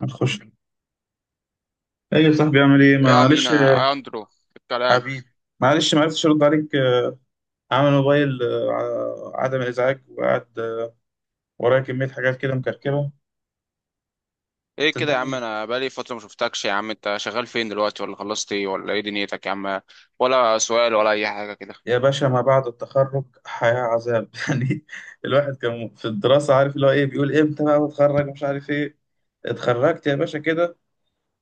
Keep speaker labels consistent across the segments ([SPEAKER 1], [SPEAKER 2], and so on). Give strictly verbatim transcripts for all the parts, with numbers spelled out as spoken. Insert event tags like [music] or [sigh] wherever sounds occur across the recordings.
[SPEAKER 1] هتخش ايه يا صاحبي اعمل ايه؟
[SPEAKER 2] ايه يا
[SPEAKER 1] معلش
[SPEAKER 2] مينا
[SPEAKER 1] يا
[SPEAKER 2] يا اندرو الكلام؟
[SPEAKER 1] حبيبي، معلش ما عرفتش ارد عليك، آه، عامل موبايل آه، ع- عدم الازعاج، وقعد آه، ورايا كميه حاجات كده مكركبه.
[SPEAKER 2] ايه كده يا عم؟
[SPEAKER 1] صدقني
[SPEAKER 2] انا بقالي فتره ما شفتكش يا عم. انت شغال فين دلوقتي، ولا خلصت ايه، ولا ايه دنيتك يا عم؟ ولا سؤال ولا اي حاجه كده؟
[SPEAKER 1] يا باشا، ما بعد التخرج حياه عذاب [laughs] يعني. الواحد كان في الدراسه عارف اللي هو ايه، بيقول امتى بقى اتخرج، مش عارف ايه. اتخرجت يا باشا كده،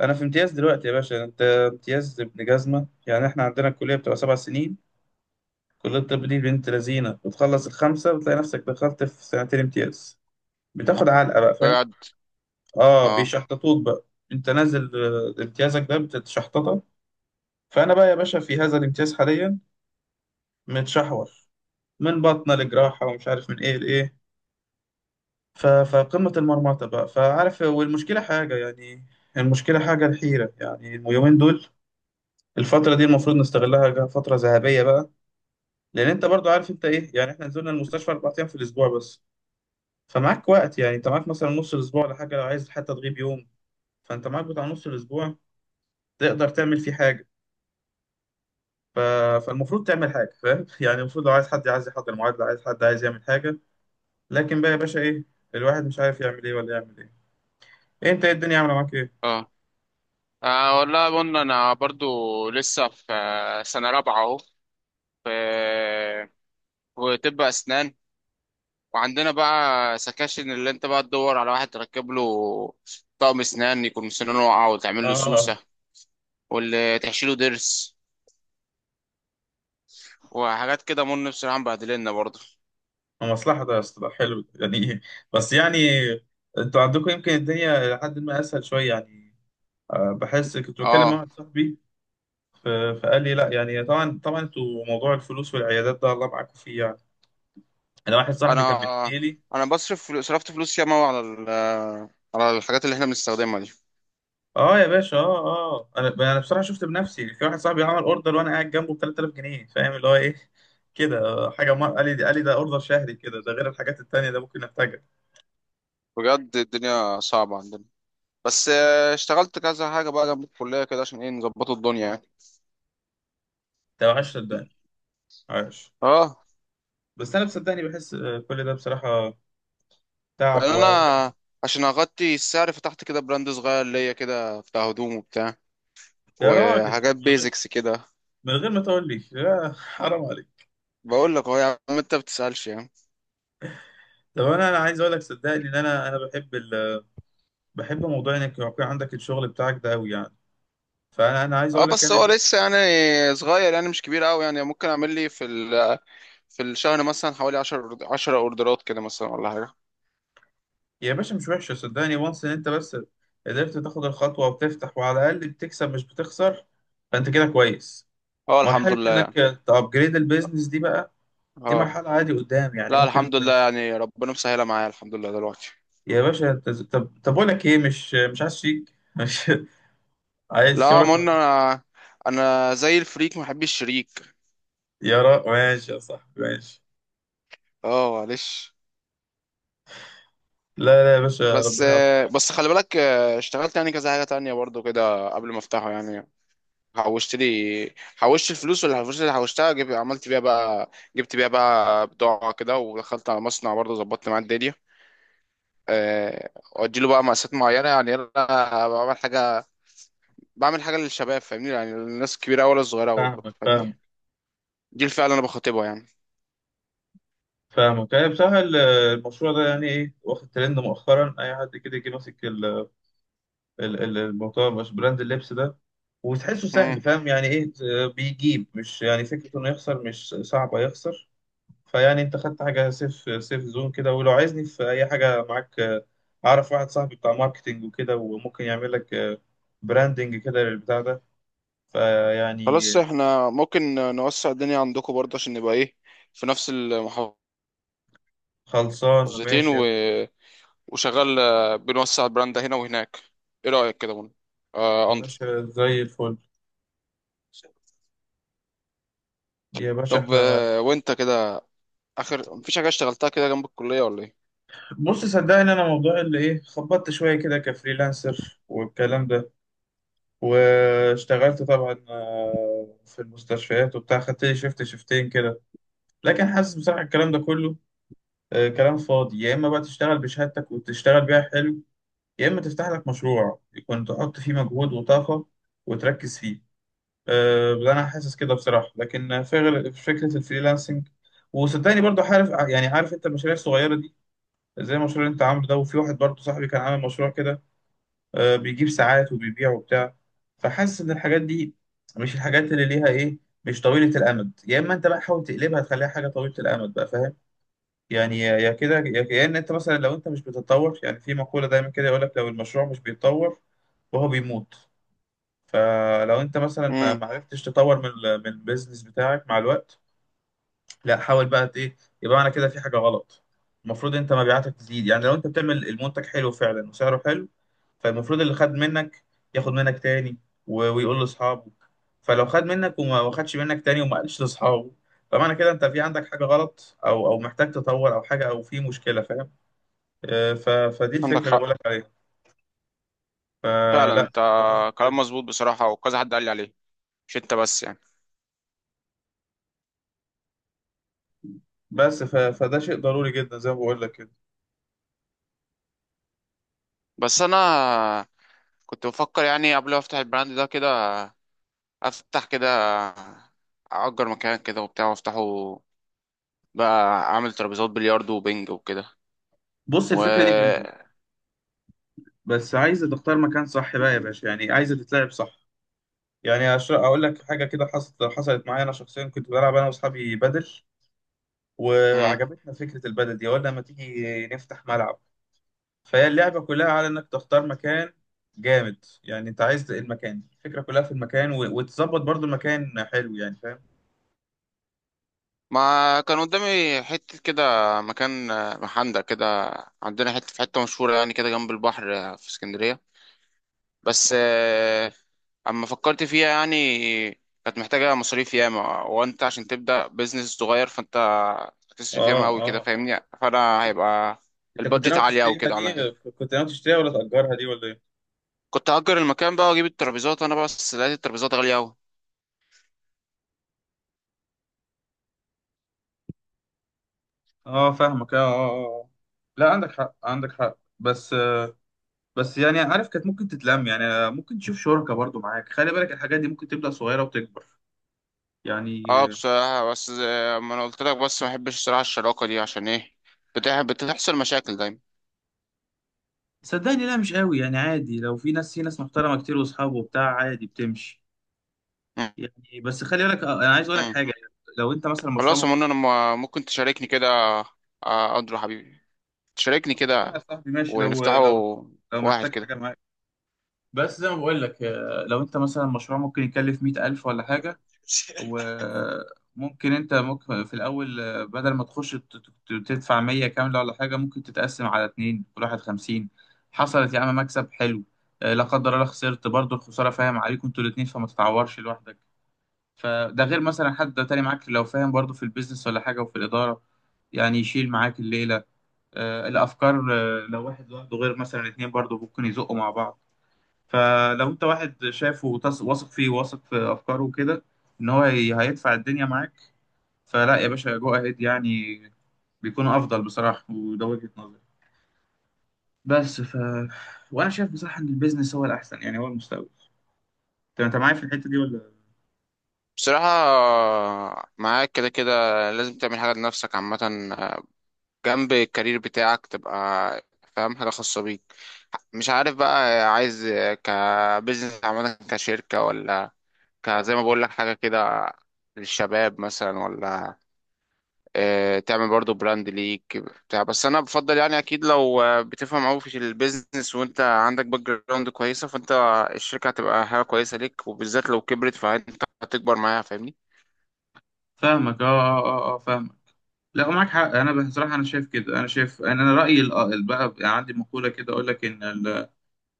[SPEAKER 1] انا في امتياز دلوقتي يا باشا. انت امتياز ابن جزمه، يعني احنا عندنا الكليه بتبقى سبع سنين. كليه الطب دي بنت لذينه، بتخلص الخمسه بتلاقي نفسك دخلت في سنتين امتياز، بتاخد علقه بقى، فاهم؟
[SPEAKER 2] بجد.
[SPEAKER 1] اه
[SPEAKER 2] اه
[SPEAKER 1] بيشحططوك بقى. انت نازل، آه، امتيازك ده بتتشحططك. فانا بقى يا باشا في هذا الامتياز حاليا متشحور، من بطنه لجراحه ومش عارف من ايه لايه. ف- فقمه المرمطه بقى، فعارف، والمشكله حاجه يعني، المشكله حاجه الحيره يعني. اليومين دول، الفتره دي المفروض نستغلها، جا- فتره ذهبيه بقى، لان انت برضو عارف انت ايه. يعني احنا نزلنا المستشفى اربع ايام في الاسبوع بس، فمعاك وقت. يعني انت معاك مثلا نص الاسبوع ولا حاجه، لو عايز حتى تغيب يوم فانت معاك بتاع نص الاسبوع تقدر تعمل فيه حاجة. ف... فالمفروض تعمل حاجة، فاهم؟ [laughs] يعني المفروض لو عايز حد عايز يحضر معادلة، عايز حد عايز يعمل حاجة. لكن بقى يا باشا إيه، الواحد مش عارف يعمل إيه ولا يعمل إيه. إيه أنت، إيه الدنيا عاملة معاك إيه؟
[SPEAKER 2] اه آه، والله قلنا انا برضو لسه في آه، سنه رابعه اهو، في في طب اسنان. وعندنا بقى سكاشن اللي انت بقى تدور على واحد تركب له طقم اسنان، يكون سنانه واقعه وتعمل له
[SPEAKER 1] آه.
[SPEAKER 2] سوسه، واللي تحشيله ضرس، وحاجات كده. من بصراحه مبهدلنا برضه.
[SPEAKER 1] مصلحة ده يا اسطى، ده حلو ده يعني [laughs] إيه؟ بس يعني أنتوا عندكم يمكن الدنيا لحد ما أسهل شوية يعني. آه، بحس كنت بكلم
[SPEAKER 2] اه،
[SPEAKER 1] واحد صاحبي، ف- فقال لي لا، يعني طبعا طبعا انتوا موضوع الفلوس والعيادات ده الله معاكم فيه يعني. انا واحد
[SPEAKER 2] انا
[SPEAKER 1] صاحبي كان بيحكي لي.
[SPEAKER 2] انا بصرف فلو- صرفت فلوس ياما أوي على ال- على الحاجات اللي احنا بنستخدمها دي.
[SPEAKER 1] اه يا باشا، اه اه. انا انا بصراحه شفت بنفسي في واحد صاحبي عمل اوردر وانا قاعد جنبه ب تلات تلاف جنيه، فاهم اللي هو ايه كده. آه، حاجه مر... قال لي، قال لي ده اوردر شهري كده، ده غير الحاجات التانيه ده ممكن احتاجها.
[SPEAKER 2] بجد الدنيا صعبة عندنا. بس آه، اشتغلت كذا حاجة بقى جنب الكلية كده عشان ايه، نظبطوا الدنيا يعني.
[SPEAKER 1] ده عاش صدقني، عاش.
[SPEAKER 2] اه.
[SPEAKER 1] بس انا بصدقني بحس آه، كل ده بصراحه
[SPEAKER 2] يعني
[SPEAKER 1] تعب
[SPEAKER 2] انا
[SPEAKER 1] ووجع.
[SPEAKER 2] عشان اغطي السعر فتحت كده براند صغير ليا كده، بتاع هدوم وبتاع
[SPEAKER 1] يا راجل
[SPEAKER 2] وحاجات
[SPEAKER 1] من غير،
[SPEAKER 2] بيزكس كده.
[SPEAKER 1] من غير ما تقول لي، يا حرام عليك!
[SPEAKER 2] بقول لك اهو يا عم، انت بتسألش يعني.
[SPEAKER 1] طب انا انا عايز اقول لك صدقني ان انا انا بحب ال... بحب موضوع انك يكون عندك الشغل بتاعك ده قوي يعني. فانا انا عايز
[SPEAKER 2] اه
[SPEAKER 1] اقول لك
[SPEAKER 2] بس
[SPEAKER 1] انا،
[SPEAKER 2] هو لسه يعني صغير، يعني مش كبير قوي، يعني ممكن اعمل لي في ال- في الشهر مثلا حوالي 10 10 اوردرات كده مثلا ولا حاجة.
[SPEAKER 1] يا باشا مش وحشة صدقني. وانس ان انت بس قدرت تاخد الخطوة وتفتح، وعلى الأقل بتكسب مش بتخسر، فانت كده كويس.
[SPEAKER 2] اه الحمد
[SPEAKER 1] مرحلة انك
[SPEAKER 2] لله.
[SPEAKER 1] تأبجريد البيزنس دي بقى، دي
[SPEAKER 2] اه
[SPEAKER 1] مرحلة عادي قدام يعني
[SPEAKER 2] لا
[SPEAKER 1] ممكن
[SPEAKER 2] الحمد
[SPEAKER 1] انت.
[SPEAKER 2] لله، يعني ربنا مسهلها معايا الحمد لله دلوقتي.
[SPEAKER 1] يا باشا انت ز- طب طب اقول لك ايه، مش مش عايز شيك، مش [laughs] عايز
[SPEAKER 2] لا ما
[SPEAKER 1] شركة؟
[SPEAKER 2] قلنا انا، انا زي الفريك ما بحبش الشريك.
[SPEAKER 1] يا را ماشي يا صاحبي ماشي،
[SPEAKER 2] اه معلش.
[SPEAKER 1] لا لا يا باشا
[SPEAKER 2] بس،
[SPEAKER 1] ربنا يوفقك.
[SPEAKER 2] بس خلي بالك اشتغلت يعني كذا حاجة تانية برضو كده قبل ما افتحه يعني. حوشت لي، حوشت الفلوس، واللي الفلوس اللي حوشتها جب... عملت بيها بقى، جبت بيها بقى بضاعة كده. ودخلت على مصنع برضه، ظبطت معاه الدنيا. أه... اديله بقى مقاسات معينة. يعني انا بعمل حاجة، بعمل حاجة للشباب فاهمني، يعني الناس الكبيرة ولا الصغيرة برضه
[SPEAKER 1] فاهمك
[SPEAKER 2] فاهمني.
[SPEAKER 1] فاهمك
[SPEAKER 2] دي الفئة اللي انا بخاطبها يعني.
[SPEAKER 1] فاهمك يعني. بصراحة ال- المشروع ده يعني ايه، واخد ترند مؤخرا، اي حد كده يجي ماسك ال- ال- الموضوع مش براند اللبس ده وتحسه سهل،
[SPEAKER 2] مم.
[SPEAKER 1] فاهم يعني ايه؟ ت- بيجيب، مش يعني فكرة انه يخسر، مش صعبة يخسر. فيعني انت خدت حاجة سيف، سيف زون كده. ولو عايزني في اي حاجة معاك، آه، اعرف واحد صاحبي بتاع ماركتينج وكده، وممكن يعمل لك آه، براندنج كده للبتاع ده.
[SPEAKER 2] خلاص
[SPEAKER 1] فيعني
[SPEAKER 2] احنا ممكن نوسع الدنيا عندكم برضه عشان نبقى ايه، في نفس المحافظتين.
[SPEAKER 1] خلصان ماشي يا باشا.
[SPEAKER 2] و... وشغال آه، بنوسع البراند هنا وهناك. ايه رأيك كده من، آه،
[SPEAKER 1] يا
[SPEAKER 2] اندرو؟
[SPEAKER 1] باشا زي الفل. يا باشا
[SPEAKER 2] طب
[SPEAKER 1] احنا،
[SPEAKER 2] آه، وانت كده اخر مفيش حاجة اشتغلتها كده جنب الكلية ولا ايه؟
[SPEAKER 1] بص صدقني انا موضوع اللي ايه، خبطت شوية كده كفريلانسر والكلام ده، واشتغلت طبعا آه، في المستشفيات وبتاع، خدت لي شيفت شيفتين كده، لكن حاسس بصراحة الكلام ده كله آه، كلام فاضي. يا إما بقى تشتغل بشهادتك وتشتغل بيها حلو، يا إما تفتح لك مشروع يكون تحط فيه مجهود وطاقة وتركز فيه. آه، ده أنا حاسس كده بصراحة. لكن في غير- فكرة الفريلانسنج، وصدقني برضو عارف يعني، عارف انت المشاريع الصغيرة دي، زي المشروع اللي انت عامله ده. وفي واحد برضو صاحبي كان عامل مشروع كده، آه، بيجيب ساعات وبيبيع وبتاع. فحاسس ان الحاجات دي مش الحاجات اللي ليها ايه، مش طويلة الامد. يا اما انت بقى حاول تقلبها تخليها حاجة طويلة الامد بقى، فاهم يعني؟ يا يا كده يا يا ان انت مثلا لو انت مش بتتطور، يعني في مقولة دايما كده يقول لك لو المشروع مش بيتطور فهو بيموت. فلو انت مثلا
[SPEAKER 2] امم
[SPEAKER 1] ما عرفتش تطور من ال- من البيزنس بتاعك مع الوقت، لا حاول بقى ت- ايه، يبقى انا كده في حاجه غلط. المفروض انت مبيعاتك تزيد، يعني لو انت بتعمل المنتج حلو فعلا وسعره حلو، فالمفروض اللي خد منك ياخد منك تاني و- ويقول لاصحابه. فلو خد منك وما ما خدش منك تاني وما قالش لاصحابه، فمعنى كده انت في عندك حاجه غلط او او محتاج تطور او حاجه او في مشكله، فاهم؟ آه، ف- فدي
[SPEAKER 2] عندك
[SPEAKER 1] الفكره اللي
[SPEAKER 2] حق،
[SPEAKER 1] بقول لك عليها.
[SPEAKER 2] فعلا
[SPEAKER 1] فلا،
[SPEAKER 2] انت
[SPEAKER 1] الموضوع ده
[SPEAKER 2] كلام
[SPEAKER 1] مهم.
[SPEAKER 2] مظبوط بصراحة، وكذا حد قال لي عليه مش انت بس يعني.
[SPEAKER 1] بس ف- فده شيء ضروري جدا زي ما بقول لك كده.
[SPEAKER 2] بس انا كنت بفكر يعني قبل ما افتح البراند ده كده، افتح كده اجر مكان كده وبتاع وافتحه بقى، اعمل ترابيزات بلياردو وبنج وكده.
[SPEAKER 1] بص
[SPEAKER 2] و
[SPEAKER 1] الفكره دي جامده، بس عايزه تختار مكان صح بقى يا باشا، يعني عايزه تتلعب صح. يعني أش- اقول لك حاجه كده، حصلت حصلت معايا انا شخصيا. كنت بلعب انا واصحابي بدل،
[SPEAKER 2] مم.
[SPEAKER 1] وعجبتنا فكره البدل دي، قلنا ما تيجي نفتح ملعب. فهي اللعبه كلها على انك تختار مكان جامد، يعني انت عايز المكان، الفكره كلها في المكان، و... وتظبط برضو المكان حلو، يعني فاهم.
[SPEAKER 2] ما كان قدامي حتة كده، مكان آه، محندق كده عندنا، حتة في حتة مشهورة يعني كده جنب البحر آه، في اسكندرية. بس آه، اما فكرت فيها يعني، كانت محتاجة مصاريف ياما. وانت عشان تبدأ بيزنس صغير فانت هتصرف
[SPEAKER 1] اه
[SPEAKER 2] ياما قوي كده
[SPEAKER 1] اه،
[SPEAKER 2] فاهمني. فانا هيبقى
[SPEAKER 1] انت كنت
[SPEAKER 2] البادجت
[SPEAKER 1] ناوي
[SPEAKER 2] عالية قوي
[SPEAKER 1] تشتريها
[SPEAKER 2] كده
[SPEAKER 1] دي،
[SPEAKER 2] عليا.
[SPEAKER 1] كنت ناوي تشتريها ولا تأجرها دي ولا ايه؟
[SPEAKER 2] كنت هأجر المكان بقى واجيب الترابيزات انا، بس لقيت الترابيزات غالية اوي.
[SPEAKER 1] اه فاهمك، اه اه آه. لا عندك حق، عندك حق. بس بس يعني عارف، كانت ممكن تتلم يعني، ممكن تشوف شركة برضو معاك، خلي بالك الحاجات دي ممكن تبدأ صغيرة وتكبر يعني.
[SPEAKER 2] اه بصراحة بس زي ما انا قلت لك، بس ما بحبش الصراحة الشراكة دي، عشان ايه؟ بتح- بتحصل مشاكل دايما.
[SPEAKER 1] صدقني لا، مش قوي يعني عادي، لو في ناس، في ناس محترمة كتير واصحابه وبتاع عادي بتمشي
[SPEAKER 2] م-
[SPEAKER 1] يعني. بس خلي بالك، آه، انا عايز اقول لك
[SPEAKER 2] م.
[SPEAKER 1] حاجة. يعني لو انت مثلا مشروع
[SPEAKER 2] خلاص يا
[SPEAKER 1] ممكن،
[SPEAKER 2] منى انا، م- ممكن تشاركني كده، آه، اندرو حبيبي، تشاركني
[SPEAKER 1] خلصان يا
[SPEAKER 2] كده
[SPEAKER 1] صاحبي ماشي. لو
[SPEAKER 2] ونفتحه
[SPEAKER 1] لو لو
[SPEAKER 2] واحد
[SPEAKER 1] محتاج
[SPEAKER 2] كده.
[SPEAKER 1] حاجة معاك، بس زي ما بقول لك، آه، لو انت مثلا مشروع ممكن يكلف مئة الف ولا حاجة، وممكن انت ممكن في الاول، آه، بدل ما تخش ت- ت- تدفع ميه كامله ولا حاجه، ممكن تتقسم على اتنين، كل واحد خمسين. حصلت يا عم، مكسب حلو. آه، لا قدر الله خسرت، برضه الخساره فاهم عليكم انتوا الاتنين، فما تتعورش لوحدك. فده غير مثلا حد تاني معاك لو فاهم برضه في البيزنس ولا حاجه وفي الاداره، يعني يشيل معاك الليله، آه، الافكار. آه، لو واحد لوحده غير مثلا اتنين، برضه ممكن يزقوا مع بعض. فلو انت واحد شافه وتص- واثق فيه، واثق في افكاره وكده، ان هو هي- هيدفع الدنيا معاك، فلا يا باشا جو اهيد يعني، بيكون افضل بصراحه. وده وجهه نظري. بس ف وانا شايف بصراحه ان البيزنس هو الاحسن، يعني هو المستقبل. انت انت معايا في الحته دي ولا؟
[SPEAKER 2] بصراحة آه، معاك كده كده، لازم تعمل حاجة لنفسك عامة، آه، جنب الكارير بتاعك، تبقى فاهم حاجة خاصة بيك. مش عارف بقى، عايز كبزنس عامة كشركة، ولا كزي ما بقول لك حاجة كده للشباب مثلا، ولا آه، تعمل برضو براند ليك بتاع. بس انا بفضل يعني، اكيد لو آه، بتفهم قوي في البيزنس وانت عندك باك جراوند كويسة، فانت الشركة هتبقى حاجة كويسة ليك، وبالذات لو كبرت فانت هتكبر معاها فاهمني.
[SPEAKER 1] فاهمك اه اه اه, آه فاهمك لا معاك حق. انا بصراحه انا شايف كده، انا شايف، انا أنا رايي ال- آه، ال- بقى يعني عندي مقوله كده اقول لك ان ال-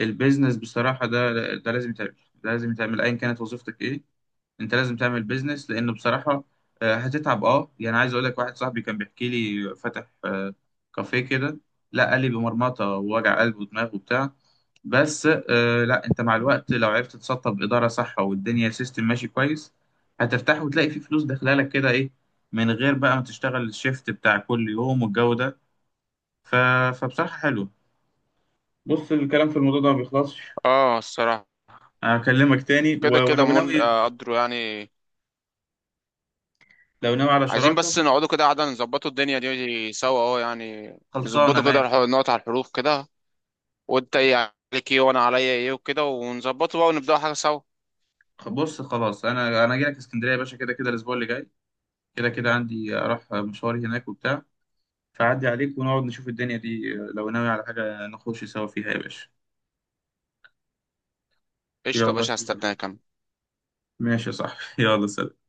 [SPEAKER 1] البيزنس بصراحه، ده ده لازم يتعمل، ده لازم يتعمل ايا كانت وظيفتك ايه. انت لازم تعمل بيزنس، لان بصراحه آه، هتتعب اه. يعني عايز اقول لك، واحد صاحبي كان بيحكي لي فاتح آه، كافيه كده، لا قال لي بمرمطه ووجع قلب ودماغ وبتاع. بس آه، لا انت مع الوقت لو عرفت تسطب اداره صح، والدنيا سيستم ماشي كويس، هترتاح وتلاقي في فلوس داخله لك كده ايه، من غير بقى ما تشتغل الشيفت بتاع كل يوم والجو ده. ف... فبصراحه حلو. بص الكلام في الموضوع ده ما بيخلصش،
[SPEAKER 2] اه الصراحة
[SPEAKER 1] هكلمك تاني. و-
[SPEAKER 2] كده كده
[SPEAKER 1] ولو ناوي،
[SPEAKER 2] من، آه، قدروا يعني،
[SPEAKER 1] لو ناوي على
[SPEAKER 2] عايزين
[SPEAKER 1] شراكه،
[SPEAKER 2] بس نقعدوا كده قعدة نظبطوا الدنيا دي سوا اه يعني.
[SPEAKER 1] خلصانه
[SPEAKER 2] نظبطوا كده،
[SPEAKER 1] ماشي.
[SPEAKER 2] نقعد على الحروف كده، وانت ايه عليك ايه، وانا عليا ايه، وكده ونظبطه بقى ونبدأ حاجة سوا.
[SPEAKER 1] خ- بص خلاص، انا انا جاي لك اسكندريه يا باشا، كده كده الاسبوع اللي جاي كده كده عندي اروح مشواري هناك وبتاع، فعدي عليك ونقعد نشوف الدنيا دي، لو ناوي على حاجه نخش سوا فيها يا باشا.
[SPEAKER 2] قشطة يا
[SPEAKER 1] يلا
[SPEAKER 2] باشا،
[SPEAKER 1] سلام،
[SPEAKER 2] هستناك انا.
[SPEAKER 1] ماشي يا صاحبي [laughs] يلا سلام.